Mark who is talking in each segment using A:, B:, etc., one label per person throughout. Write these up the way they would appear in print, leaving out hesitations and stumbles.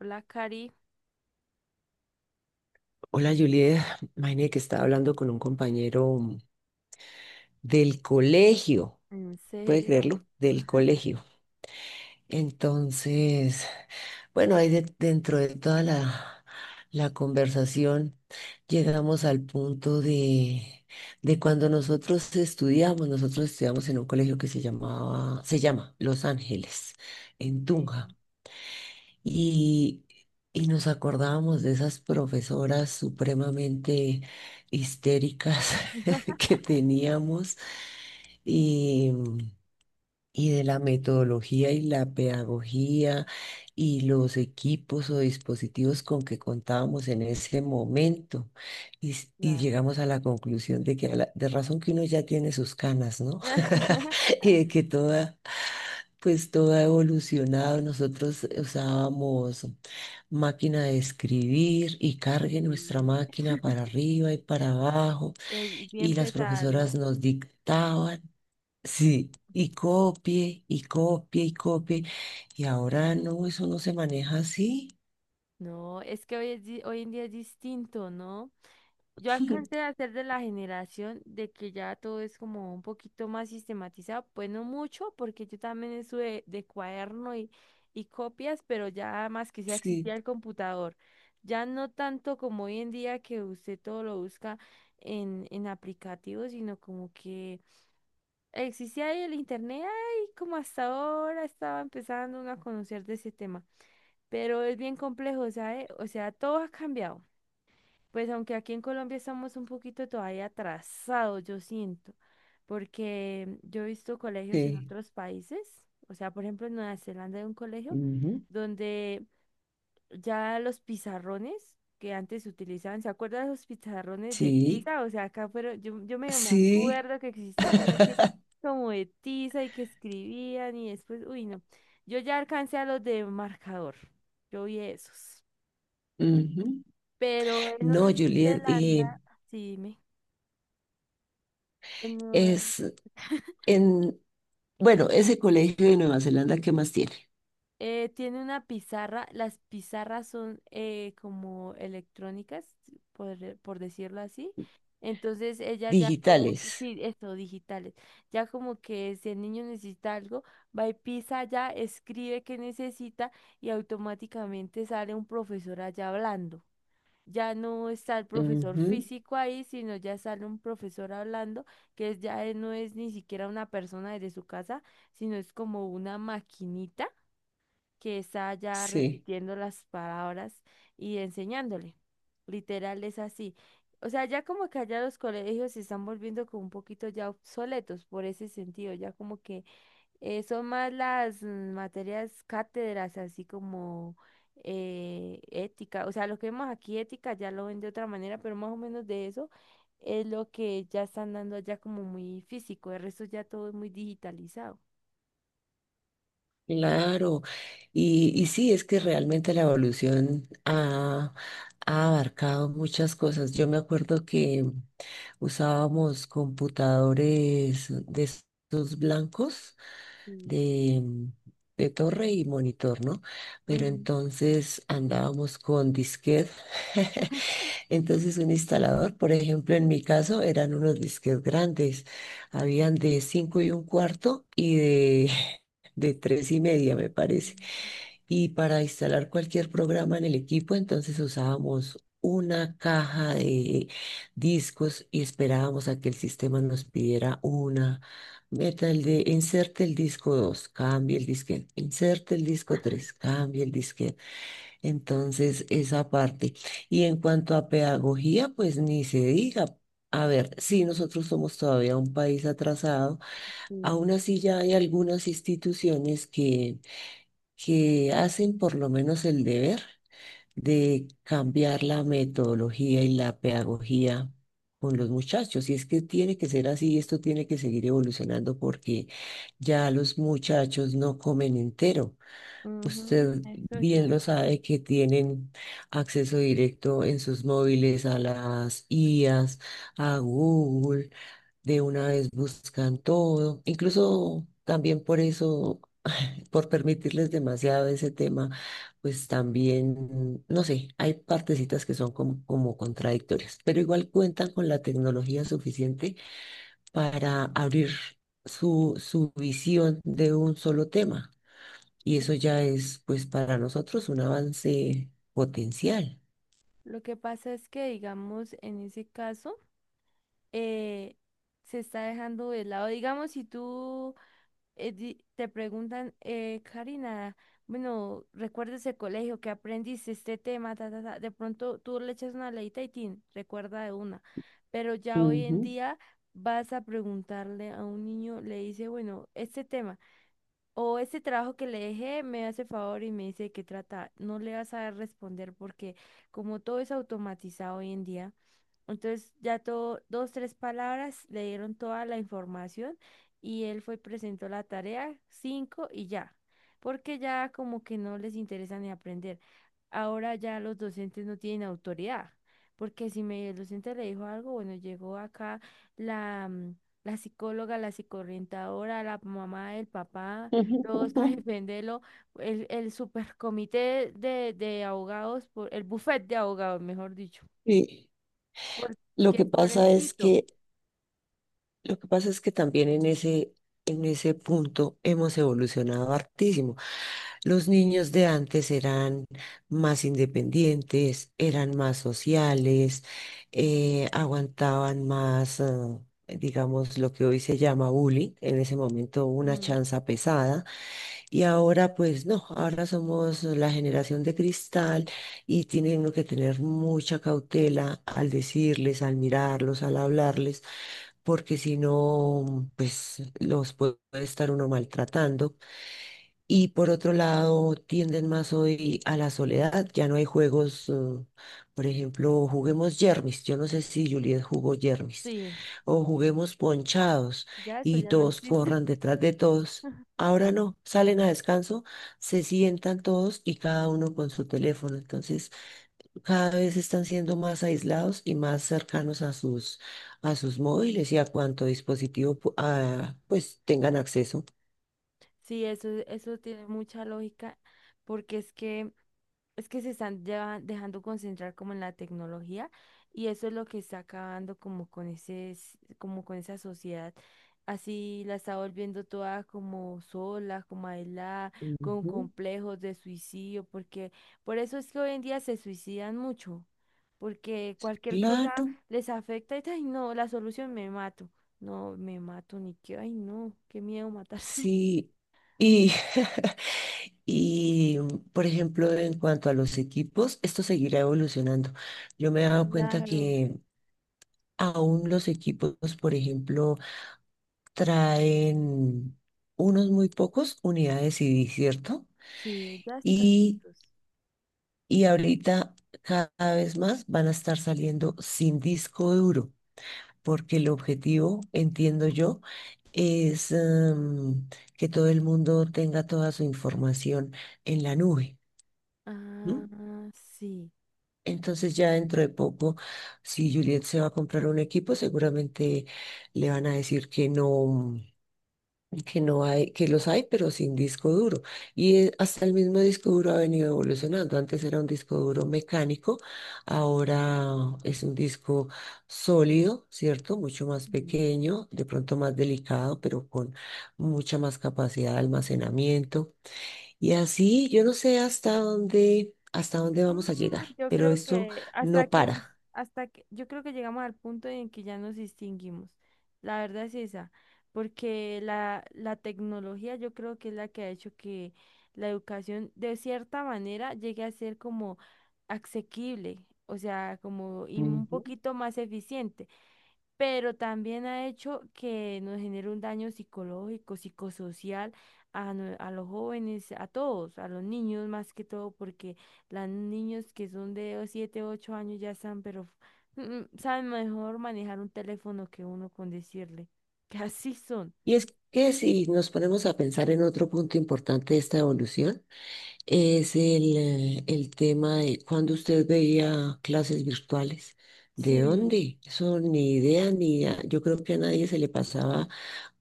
A: Blackberry.
B: Hola Juliet, imagínate que estaba hablando con un compañero del colegio,
A: ¿En
B: ¿puede
A: serio?
B: creerlo? Del colegio. Entonces, bueno, ahí dentro de toda la conversación llegamos al punto de cuando nosotros estudiamos en un colegio que se llamaba, se llama Los Ángeles, en Tunja. Y, y nos acordábamos de esas profesoras supremamente histéricas que teníamos. Y y de la metodología y la pedagogía y los equipos o dispositivos con que contábamos en ese momento. Y llegamos a la conclusión de que de razón que uno ya tiene sus canas, ¿no? Y de que toda, pues todo ha evolucionado. Nosotros usábamos máquina de escribir y cargue nuestra
A: Sí.
B: máquina para arriba y para abajo,
A: Es
B: y
A: bien
B: las
A: pesada,
B: profesoras
A: ¿no?
B: nos dictaban. Sí, y copie, y copie, y copie. Y ahora no, eso no se maneja así.
A: No, es que hoy, es hoy en día es distinto, ¿no? Yo alcancé a ser de la generación de que ya todo es como un poquito más sistematizado, pues no mucho, porque yo también estuve de cuaderno y copias, pero ya más que sea
B: Sí,
A: existía el computador. Ya no tanto como hoy en día, que usted todo lo busca en aplicativos, sino como que existía ahí el internet. Ay, como hasta ahora estaba empezando uno a conocer de ese tema, pero es bien complejo, ¿sabe? O sea, todo ha cambiado. Pues aunque aquí en Colombia estamos un poquito todavía atrasados, yo siento, porque yo he visto colegios en
B: sí.
A: otros países. O sea, por ejemplo, en Nueva Zelanda hay un colegio
B: Ujú.
A: donde ya los pizarrones que antes se utilizaban… ¿se acuerdan los pizarrones de
B: Sí,
A: tiza? O sea, acá fueron, yo medio me
B: sí.
A: acuerdo que existía uno así como de tiza y que escribían, y después, uy, no. Yo ya alcancé a los de marcador, yo vi esos.
B: Ujú.
A: Pero en
B: No,
A: Nueva
B: Juliet,
A: Zelanda, sí, dime. En
B: es en, bueno, ese colegio de Nueva Zelanda, ¿qué más tiene?
A: Tiene una pizarra. Las pizarras son como electrónicas, por decirlo así. Entonces ella ya como,
B: Digitales.
A: sí, esto, digitales, ya como que si el niño necesita algo, va y pisa allá, escribe que necesita, y automáticamente sale un profesor allá hablando. Ya no está el profesor
B: Ujú.
A: físico ahí, sino ya sale un profesor hablando, ya no es ni siquiera una persona desde su casa, sino es como una maquinita que está ya
B: Sí,
A: repitiendo las palabras y enseñándole. Literal es así. O sea, ya como que allá los colegios se están volviendo como un poquito ya obsoletos por ese sentido. Ya como que son más las materias cátedras, así como ética. O sea, lo que vemos aquí ética ya lo ven de otra manera, pero más o menos de eso es lo que ya están dando allá como muy físico. El resto ya todo es muy digitalizado.
B: claro. Y sí, es que realmente la evolución ha, ha abarcado muchas cosas. Yo me acuerdo que usábamos computadores de esos blancos
A: Sí.
B: de, de torre y monitor, ¿no? Pero
A: Mm,
B: entonces andábamos con disquet. Entonces un instalador, por ejemplo, en mi caso eran unos disquetes grandes. Habían de cinco y un cuarto y de, de tres y media, me parece.
A: mm,
B: Y para instalar cualquier programa en el equipo, entonces usábamos una caja de discos y esperábamos a que el sistema nos pidiera una. Meta el de inserte el disco dos, cambie el disquete, inserte el disco tres, cambie el disquete. Entonces, esa parte. Y en cuanto a pedagogía, pues ni se diga. A ver, sí, nosotros somos todavía un país atrasado.
A: sí.
B: Aún así, ya hay algunas instituciones que hacen por lo menos el deber de cambiar la metodología y la pedagogía con los muchachos. Y es que tiene que ser así, esto tiene que seguir evolucionando porque ya los muchachos no comen entero.
A: Ujú,
B: Usted
A: eso
B: bien
A: ya.
B: lo sabe que tienen acceso directo en sus móviles a las IAs, a Google, de una vez buscan todo, incluso también por eso, por permitirles demasiado ese tema, pues también, no sé, hay partecitas que son como, como contradictorias, pero igual cuentan con la tecnología suficiente para abrir su visión de un solo tema. Y
A: Lo
B: eso
A: que,
B: ya es, pues, para nosotros un avance potencial.
A: lo que pasa es que, digamos, en ese caso, eh, se está dejando de lado. Digamos, si tú te preguntan, Karina, bueno, ¿recuerdas el colegio que aprendiste este tema? Ta, ta, ta". De pronto tú le echas una leita y tin, recuerda de una. Pero ya hoy en
B: Ujú.
A: día vas a preguntarle a un niño, le dice, bueno, este tema. O ese trabajo que le dejé, me hace favor y me dice de qué trata. No le vas a responder porque como todo es automatizado hoy en día, entonces ya todo, dos, tres palabras le dieron toda la información, y él fue, presentó la tarea, cinco y ya, porque ya como que no les interesa ni aprender. Ahora ya los docentes no tienen autoridad, porque si me, el docente le dijo algo, bueno, llegó acá la, la psicóloga, la psicoorientadora, la mamá, el papá rosas, el vendelo, el supercomité de abogados, por, el bufete de abogados, mejor dicho.
B: Sí, lo
A: Porque
B: que pasa es
A: pobrecito.
B: que lo que pasa es que también en en ese punto hemos evolucionado hartísimo. Los niños de antes eran más independientes, eran más sociales, aguantaban más, digamos, lo que hoy se llama bullying, en ese momento una
A: Mm.
B: chanza pesada. Y ahora, pues no, ahora somos la generación de cristal y tienen uno que tener mucha cautela al decirles, al mirarlos, al hablarles, porque si no, pues los puede estar uno maltratando. Y por otro lado, tienden más hoy a la soledad. Ya no hay juegos, por ejemplo, juguemos yermis. Yo no sé si Juliet jugó yermis.
A: Sí,
B: O juguemos ponchados
A: ya eso
B: y
A: ya no
B: todos
A: existe.
B: corran detrás de todos. Ahora no, salen a descanso, se sientan todos y cada uno con su teléfono. Entonces, cada vez están siendo más aislados y más cercanos a a sus móviles y a cuánto dispositivo pues tengan acceso.
A: Sí, eso tiene mucha lógica, porque es que es que se están ya dejando concentrar como en la tecnología, y eso es lo que está acabando como con ese, como con esa sociedad. Así la está volviendo toda como sola, como aislada, con
B: Ujú.
A: complejos de suicidio, porque por eso es que hoy en día se suicidan mucho, porque cualquier cosa
B: Claro,
A: les afecta y ay no, la solución me mato. No, me mato ni que, ay no, qué miedo matarse.
B: sí. Y, y, por ejemplo, en cuanto a los equipos, esto seguirá evolucionando. Yo me he dado cuenta
A: Claro,
B: que aún los equipos, por ejemplo, traen unos muy pocos unidades CD, ¿cierto?
A: sí, ya es casi
B: y
A: tos.
B: Y ahorita cada vez más van a estar saliendo sin disco duro, porque el objetivo, entiendo yo, es que todo el mundo tenga toda su información en la nube. ¿No?
A: Ah, sí.
B: Entonces ya dentro de poco, si Juliet se va a comprar un equipo, seguramente le van a decir que no, que no hay, que los hay, pero sin disco duro. Y hasta el mismo disco duro ha venido evolucionando. Antes era un disco duro mecánico, ahora es un disco sólido, ¿cierto? Mucho más
A: Mm.
B: pequeño, de pronto más delicado, pero con mucha más capacidad de almacenamiento. Y así, yo no sé hasta dónde vamos a llegar,
A: Mm, yo
B: pero
A: creo
B: esto
A: que hasta
B: no
A: que nos,
B: para.
A: hasta que, Yo creo que llegamos al punto en que ya nos distinguimos. La verdad es esa, porque la tecnología yo creo que es la que ha hecho que la educación de cierta manera llegue a ser como asequible, o sea, como y un
B: Ujú.
A: poquito más eficiente. Pero también ha hecho que nos genere un daño psicológico, psicosocial a, a los jóvenes, a todos, a los niños más que todo, porque los niños que son de 7 u 8 años ya están, pero saben mejor manejar un teléfono que uno, con decirle que así son.
B: Y es que si nos ponemos a pensar en otro punto importante de esta evolución, es el tema de cuando usted veía clases virtuales. ¿De
A: Sí.
B: dónde? Eso ni idea, ni a- yo creo que a nadie se le pasaba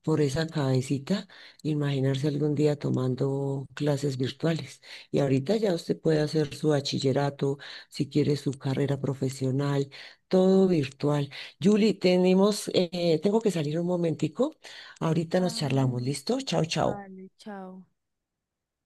B: por esa cabecita imaginarse algún día tomando clases virtuales. Y ahorita ya usted puede hacer su bachillerato, si quiere su carrera profesional, todo virtual. Julie, tengo que salir un momentico. Ahorita nos
A: Ah,
B: charlamos, ¿listo? Chao, chao.
A: vale, chao.